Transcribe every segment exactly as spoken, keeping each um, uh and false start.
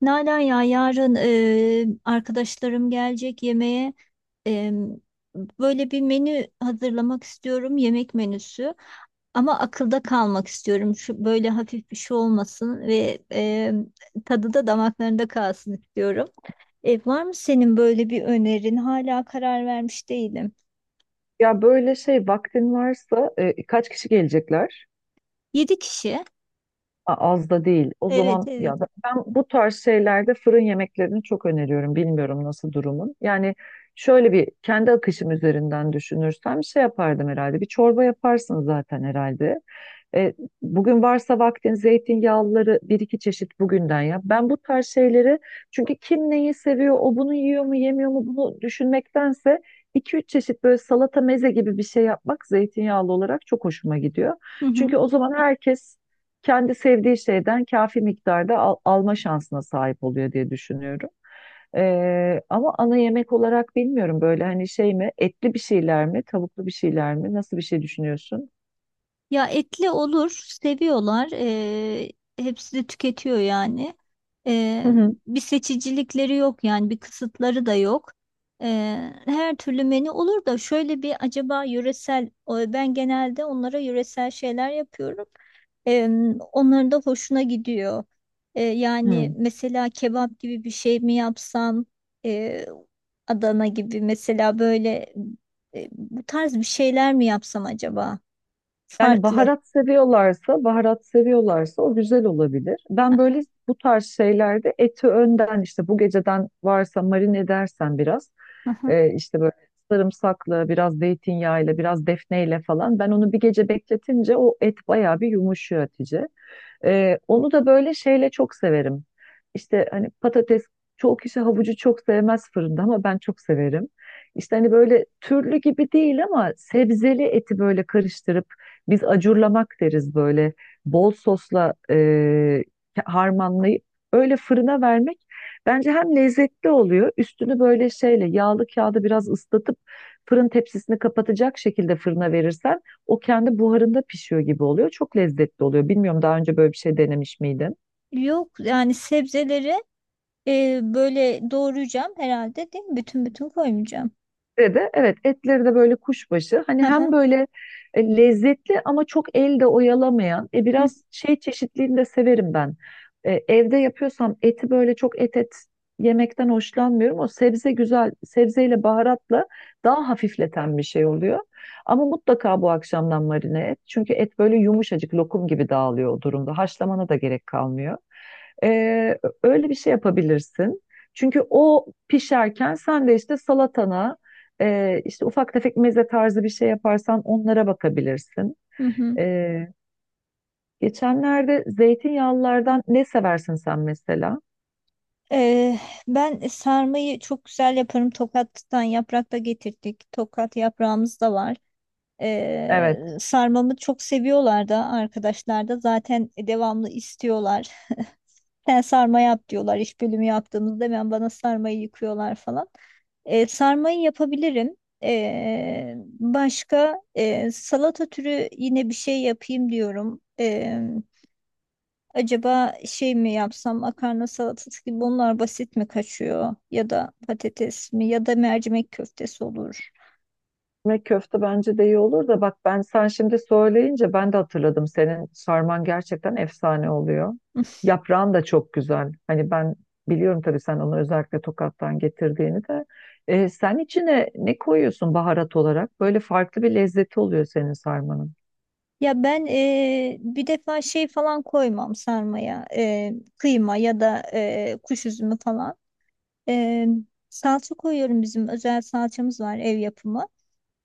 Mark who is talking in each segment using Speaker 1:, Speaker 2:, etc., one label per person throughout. Speaker 1: Nalan ya yarın e, arkadaşlarım gelecek yemeğe. E, Böyle bir menü hazırlamak istiyorum, yemek menüsü. Ama akılda kalmak istiyorum. Şu böyle hafif bir şey olmasın ve e, tadı da damaklarında kalsın istiyorum. E, var mı senin böyle bir önerin? Hala karar vermiş değilim.
Speaker 2: Ya böyle şey vaktin varsa e, kaç kişi gelecekler?
Speaker 1: Yedi kişi.
Speaker 2: A- Az da değil. O
Speaker 1: Evet,
Speaker 2: zaman
Speaker 1: evet.
Speaker 2: ya ben, ben bu tarz şeylerde fırın yemeklerini çok öneriyorum. Bilmiyorum nasıl durumun. Yani şöyle bir kendi akışım üzerinden düşünürsem şey yapardım herhalde. Bir çorba yaparsın zaten herhalde. E, Bugün varsa vaktin zeytinyağlıları bir iki çeşit bugünden yap. Ben bu tarz şeyleri çünkü kim neyi seviyor, o bunu yiyor mu, yemiyor mu bunu düşünmektense iki üç çeşit böyle salata meze gibi bir şey yapmak zeytinyağlı olarak çok hoşuma gidiyor. Çünkü o zaman herkes kendi sevdiği şeyden kafi miktarda al- alma şansına sahip oluyor diye düşünüyorum. Ee, ama ana yemek olarak bilmiyorum böyle hani şey mi, etli bir şeyler mi, tavuklu bir şeyler mi, nasıl bir şey düşünüyorsun?
Speaker 1: Ya etli olur, seviyorlar. Eee, hepsi de tüketiyor yani.
Speaker 2: Hı
Speaker 1: Eee,
Speaker 2: hı.
Speaker 1: Bir seçicilikleri yok yani bir kısıtları da yok. Eee, her türlü menü olur da şöyle bir acaba yöresel, o- ben genelde onlara yöresel şeyler yapıyorum. Eee, Onların da hoşuna gidiyor. Eee, yani
Speaker 2: Hmm.
Speaker 1: mesela kebap gibi bir şey mi yapsam, eee, Adana gibi mesela böyle eee, bu tarz bir şeyler mi yapsam acaba?
Speaker 2: Yani
Speaker 1: Farklı.
Speaker 2: baharat seviyorlarsa, baharat seviyorlarsa o güzel olabilir.
Speaker 1: Hı
Speaker 2: Ben böyle bu tarz şeylerde eti önden işte bu geceden varsa marine edersen biraz,
Speaker 1: hı.
Speaker 2: e, işte böyle sarımsakla, biraz zeytinyağıyla, biraz defneyle falan, ben onu bir gece bekletince o et bayağı bir yumuşuyor Hatice. Ee, onu da böyle şeyle çok severim. İşte hani patates, çoğu kişi havucu çok sevmez fırında ama ben çok severim. İşte hani böyle türlü gibi değil ama sebzeli eti böyle karıştırıp, biz acurlamak deriz, böyle bol sosla e, harmanlayıp öyle fırına vermek bence hem lezzetli oluyor. Üstünü böyle şeyle, yağlı kağıda biraz ıslatıp fırın tepsisini kapatacak şekilde fırına verirsen o kendi buharında pişiyor gibi oluyor. Çok lezzetli oluyor. Bilmiyorum, daha önce böyle bir şey denemiş miydin?
Speaker 1: Yok yani sebzeleri e, böyle doğrayacağım herhalde değil mi? Bütün bütün koymayacağım.
Speaker 2: Ve de evet, etleri de böyle kuşbaşı. Hani
Speaker 1: Hı hı.
Speaker 2: hem böyle e, lezzetli ama çok elde oyalamayan. E,
Speaker 1: Hı
Speaker 2: biraz şey, çeşitliliğini de severim ben. E, evde yapıyorsam eti böyle çok et et yemekten hoşlanmıyorum. O sebze güzel, sebzeyle baharatla daha hafifleten bir şey oluyor. Ama mutlaka bu akşamdan marine et. Çünkü et böyle yumuşacık lokum gibi dağılıyor o durumda. Haşlamana da gerek kalmıyor. Ee, Öyle bir şey yapabilirsin. Çünkü o pişerken sen de işte salatana e, işte ufak tefek meze tarzı bir şey yaparsan onlara bakabilirsin.
Speaker 1: hı. hı.
Speaker 2: Ee, Geçenlerde zeytinyağlılardan ne seversin sen mesela?
Speaker 1: E, ben sarmayı çok güzel yaparım. Tokat'tan yaprak da getirdik. Tokat yaprağımız da var. E,
Speaker 2: Evet.
Speaker 1: sarmamı çok seviyorlar da arkadaşlar da zaten devamlı istiyorlar. Sen sarma yap diyorlar iş bölümü yaptığımızda hemen bana sarmayı yıkıyorlar falan. E, sarmayı yapabilirim. E, Başka e, salata türü yine bir şey yapayım diyorum. E, acaba şey mi yapsam makarna salatası gibi, bunlar basit mi kaçıyor? Ya da patates mi ya da mercimek köftesi olur.
Speaker 2: Ekmek köfte bence de iyi olur da, bak ben sen şimdi söyleyince ben de hatırladım. Senin sarman gerçekten efsane oluyor. Yaprağın da çok güzel. Hani ben biliyorum tabii, sen onu özellikle Tokat'tan getirdiğini de. Ee, sen içine ne koyuyorsun baharat olarak? Böyle farklı bir lezzeti oluyor senin sarmanın.
Speaker 1: Ya ben eee, bir defa şey falan koymam sarmaya. Eee, kıyma ya da eee, kuş üzümü falan. Ee, Salça koyuyorum, bizim özel salçamız var, ev yapımı.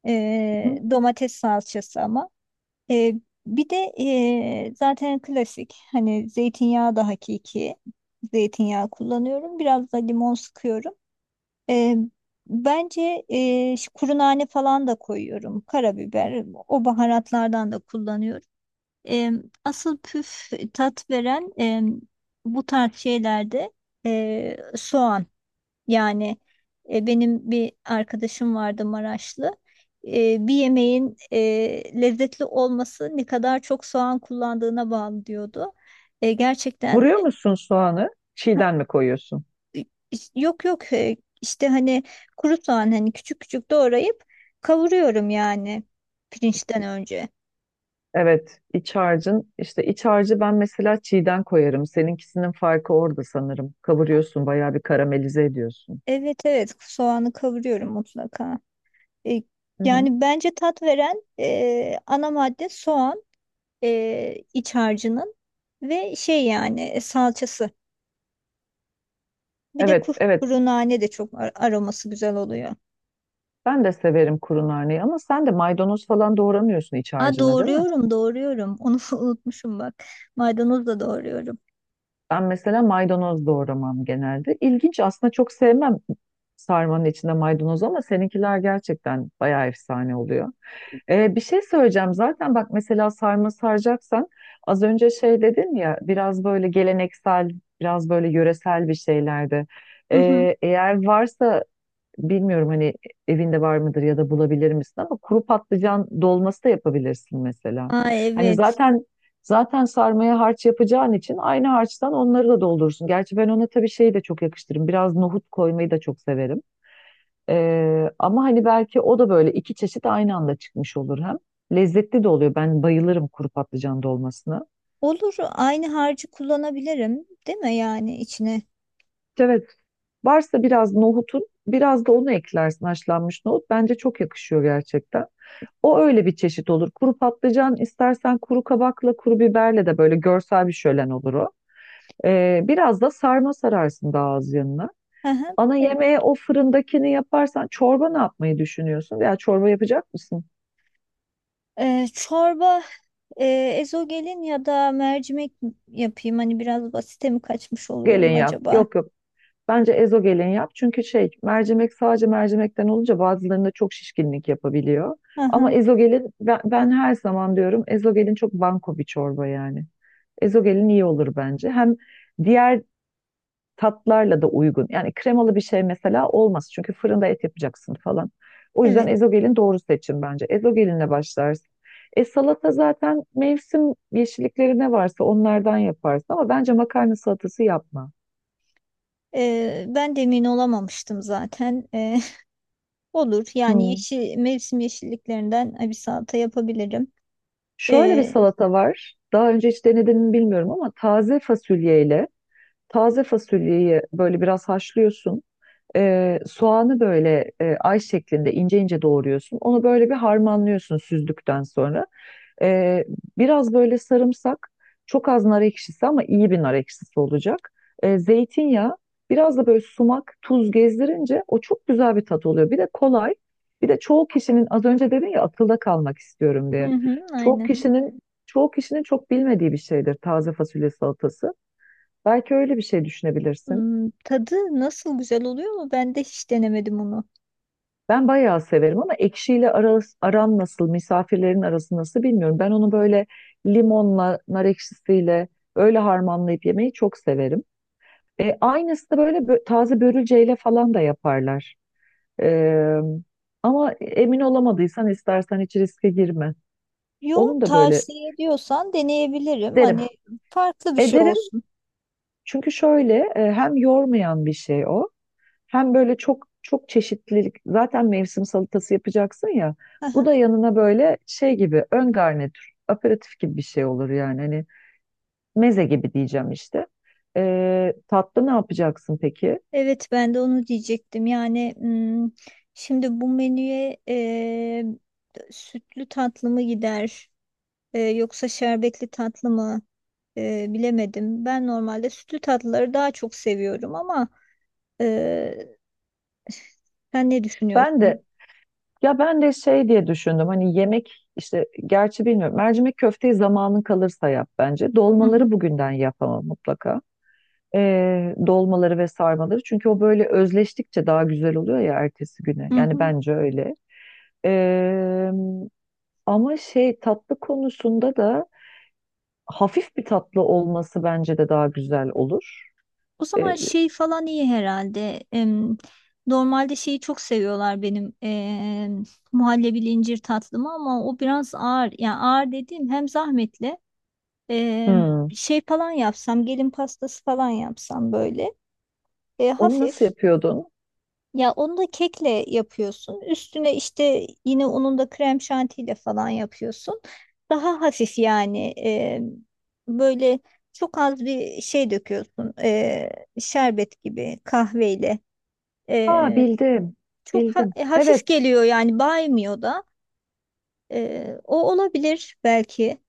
Speaker 1: Ee,
Speaker 2: Hı.
Speaker 1: domates salçası ama. Ee, Bir de ee, zaten klasik hani zeytinyağı da hakiki zeytinyağı kullanıyorum. Biraz da limon sıkıyorum. Ee, Bence ee, şu kuru nane falan da koyuyorum. Karabiber, o baharatlardan da kullanıyorum. Ee, Asıl püf tat veren, ee, bu tarz şeylerde, ee, soğan. Yani e, benim bir arkadaşım vardı, Maraşlı. E, bir yemeğin e, lezzetli olması ne kadar çok soğan kullandığına bağlı diyordu. E, gerçekten
Speaker 2: Vuruyor musun soğanı? Çiğden mi koyuyorsun?
Speaker 1: e, yok yok, e, işte hani kuru soğan, hani küçük küçük doğrayıp kavuruyorum yani, pirinçten önce.
Speaker 2: Evet, iç harcın, işte iç harcı ben mesela çiğden koyarım. Seninkisinin farkı orada sanırım. Kavuruyorsun, bayağı bir karamelize ediyorsun.
Speaker 1: Evet, evet, soğanı kavuruyorum mutlaka. E,
Speaker 2: Hı hı.
Speaker 1: Yani bence tat veren e, ana madde soğan. E, iç harcının ve şey, yani e, salçası. Bir de
Speaker 2: Evet,
Speaker 1: kuru,
Speaker 2: evet.
Speaker 1: kuru nane de çok ar- aroması güzel oluyor.
Speaker 2: Ben de severim kuru narneyi ama sen de maydanoz falan doğramıyorsun iç
Speaker 1: Aa,
Speaker 2: harcına, değil mi?
Speaker 1: doğruyorum, doğruyorum. Onu unutmuşum bak. Maydanoz da doğruyorum.
Speaker 2: Ben mesela maydanoz doğramam genelde. İlginç, aslında çok sevmem sarmanın içinde maydanoz, ama seninkiler gerçekten bayağı efsane oluyor. Ee, bir şey söyleyeceğim, zaten bak mesela sarma saracaksan, az önce şey dedin ya biraz böyle geleneksel, biraz böyle yöresel bir şeylerde.
Speaker 1: Hı hı.
Speaker 2: Ee, eğer varsa, bilmiyorum hani evinde var mıdır ya da bulabilir misin ama, kuru patlıcan dolması da yapabilirsin mesela.
Speaker 1: Aa
Speaker 2: Hani
Speaker 1: evet.
Speaker 2: zaten zaten sarmaya harç yapacağın için aynı harçtan onları da doldurursun. Gerçi ben ona tabii şeyi de çok yakıştırırım. Biraz nohut koymayı da çok severim. Ee, ama hani belki o da böyle iki çeşit aynı anda çıkmış olur hem. Lezzetli de oluyor. Ben bayılırım kuru patlıcan dolmasına.
Speaker 1: Olur, aynı harcı kullanabilirim değil mi yani içine?
Speaker 2: Evet. Varsa biraz nohutun, biraz da onu eklersin, haşlanmış nohut. Bence çok yakışıyor gerçekten. O öyle bir çeşit olur. Kuru patlıcan istersen kuru kabakla, kuru biberle de böyle görsel bir şölen olur o. Ee, biraz da sarma sararsın daha az yanına.
Speaker 1: Hı hı.
Speaker 2: Ana
Speaker 1: Evet.
Speaker 2: yemeğe o fırındakini yaparsan, çorba ne yapmayı düşünüyorsun? Veya çorba yapacak mısın?
Speaker 1: Ee, çorba e, ezogelin ya da mercimek yapayım. Hani biraz basite mi kaçmış
Speaker 2: Gelin
Speaker 1: oluyorum
Speaker 2: yap.
Speaker 1: acaba?
Speaker 2: Yok yok. Bence ezo gelin yap. Çünkü şey, mercimek sadece mercimekten olunca bazılarında çok şişkinlik yapabiliyor.
Speaker 1: Hı
Speaker 2: Ama
Speaker 1: hı.
Speaker 2: ezogelin, ben, ben her zaman diyorum ezogelin çok banko bir çorba yani. Ezogelin iyi olur bence. Hem diğer tatlarla da uygun. Yani kremalı bir şey mesela olmaz. Çünkü fırında et yapacaksın falan. O yüzden
Speaker 1: Evet.
Speaker 2: ezogelin doğru seçim bence. Ezogelinle başlarsın. E salata zaten mevsim yeşillikleri ne varsa onlardan yaparsın ama bence makarna salatası yapma.
Speaker 1: Ee, ben de emin olamamıştım zaten. Olur. Yani
Speaker 2: Hmm.
Speaker 1: yeşil, mevsim yeşilliklerinden bir salata yapabilirim.
Speaker 2: Şöyle bir
Speaker 1: Ee,
Speaker 2: salata var. Daha önce hiç denedin mi bilmiyorum ama, taze fasulyeyle, taze fasulyeyi böyle biraz haşlıyorsun. Ee, soğanı böyle e, ay şeklinde ince ince doğruyorsun. Onu böyle bir harmanlıyorsun süzdükten sonra. Ee, Biraz böyle sarımsak, çok az nar ekşisi ama iyi bir nar ekşisi olacak. Ee, zeytinyağı, biraz da böyle sumak, tuz gezdirince o çok güzel bir tat oluyor. Bir de kolay. Bir de çoğu kişinin, az önce dedin ya akılda kalmak istiyorum
Speaker 1: hı
Speaker 2: diye.
Speaker 1: hı,
Speaker 2: Çoğu
Speaker 1: aynen.
Speaker 2: kişinin çoğu kişinin çok bilmediği bir şeydir taze fasulye salatası. Belki öyle bir şey düşünebilirsin.
Speaker 1: Hmm, tadı nasıl, güzel oluyor mu? Ben de hiç denemedim onu.
Speaker 2: Ben bayağı severim ama ekşiyle aras- aram nasıl, misafirlerin arası nasıl bilmiyorum. Ben onu böyle limonla, nar ekşisiyle öyle harmanlayıp yemeyi çok severim. E, aynısı da böyle bö- taze börülceyle falan da yaparlar. E, Ama emin olamadıysan istersen hiç riske girme.
Speaker 1: Yo,
Speaker 2: Onun da böyle
Speaker 1: tavsiye ediyorsan deneyebilirim.
Speaker 2: derim.
Speaker 1: Hani farklı bir şey
Speaker 2: Ederim,
Speaker 1: olsun.
Speaker 2: çünkü şöyle e, hem yormayan bir şey o. Hem böyle çok çok çeşitlilik, zaten mevsim salatası yapacaksın ya. Bu
Speaker 1: Aha.
Speaker 2: da yanına böyle şey gibi ön garnitür, aperatif gibi bir şey olur yani. Hani meze gibi diyeceğim işte. Ee, tatlı ne yapacaksın peki?
Speaker 1: Evet, ben de onu diyecektim. Yani hmm, şimdi bu menüye e, sütlü tatlı mı gider e, yoksa şerbetli tatlı mı, E, bilemedim. Ben normalde sütlü tatlıları daha çok seviyorum ama Ee, sen ne
Speaker 2: Ben de,
Speaker 1: düşünüyorsun?
Speaker 2: ya ben de şey diye düşündüm. Hani yemek işte, gerçi bilmiyorum. Mercimek köfteyi zamanın kalırsa yap bence.
Speaker 1: Hı hı,
Speaker 2: Dolmaları bugünden yap ama mutlaka. Ee, dolmaları ve sarmaları. Çünkü o böyle özleştikçe daha güzel oluyor ya ertesi güne.
Speaker 1: hı
Speaker 2: Yani
Speaker 1: hı.
Speaker 2: bence öyle. Eee, Ama şey, tatlı konusunda da hafif bir tatlı olması bence de daha güzel olur.
Speaker 1: O zaman
Speaker 2: Eee,
Speaker 1: şey falan iyi herhalde. Em, normalde şeyi çok seviyorlar, benim em, muhallebili incir tatlımı, ama o biraz ağır. Yani ağır dediğim hem zahmetli em,
Speaker 2: hmm.
Speaker 1: şey falan yapsam, gelin pastası falan yapsam, böyle e,
Speaker 2: Onu nasıl
Speaker 1: hafif.
Speaker 2: yapıyordun?
Speaker 1: Ya onu da kekle yapıyorsun. Üstüne işte yine onun da krem şantiyle falan yapıyorsun. Daha hafif yani, e, böyle çok az bir şey döküyorsun. E, şerbet gibi kahveyle.
Speaker 2: Aa,
Speaker 1: E,
Speaker 2: bildim.
Speaker 1: Çok ha-
Speaker 2: Bildim.
Speaker 1: e, hafif
Speaker 2: Evet,
Speaker 1: geliyor yani, baymıyor da. E, o olabilir belki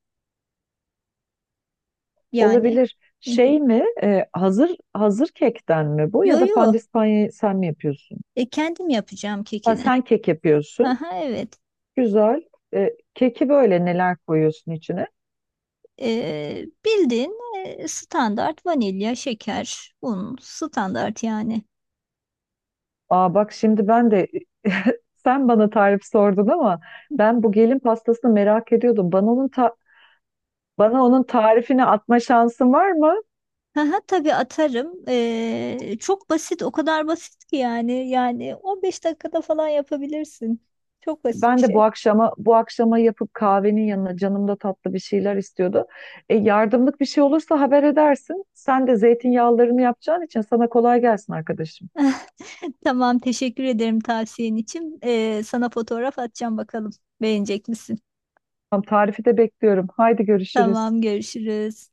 Speaker 1: yani.
Speaker 2: olabilir.
Speaker 1: Hı hı.
Speaker 2: Şey mi? eee, hazır hazır kekten mi bu,
Speaker 1: Yo
Speaker 2: ya da
Speaker 1: yo,
Speaker 2: pandispanyayı sen mi yapıyorsun?
Speaker 1: E, kendim yapacağım
Speaker 2: Ha,
Speaker 1: kekini.
Speaker 2: sen kek yapıyorsun.
Speaker 1: Aha, evet.
Speaker 2: Güzel. Eee, keki böyle neler koyuyorsun içine?
Speaker 1: Ee, bildiğin e, standart, vanilya, şeker, un, standart yani.
Speaker 2: Aa bak, şimdi ben de, sen bana tarif sordun ama ben bu gelin pastasını merak ediyordum. Bana onun ta- bana onun tarifini atma şansın var mı?
Speaker 1: Haha, tabii atarım. Ee, çok basit, o kadar basit ki yani. Yani on beş dakikada falan yapabilirsin. Çok basit bir
Speaker 2: Ben de
Speaker 1: şey.
Speaker 2: bu akşama bu akşama yapıp kahvenin yanına, canım da tatlı bir şeyler istiyordu. E, yardımlık bir şey olursa haber edersin. Sen de zeytinyağlarını yapacağın için sana kolay gelsin arkadaşım.
Speaker 1: Tamam, teşekkür ederim tavsiyen için. Ee, sana fotoğraf atacağım bakalım. Beğenecek misin?
Speaker 2: Tamam, tarifi de bekliyorum. Haydi görüşürüz.
Speaker 1: Tamam, görüşürüz.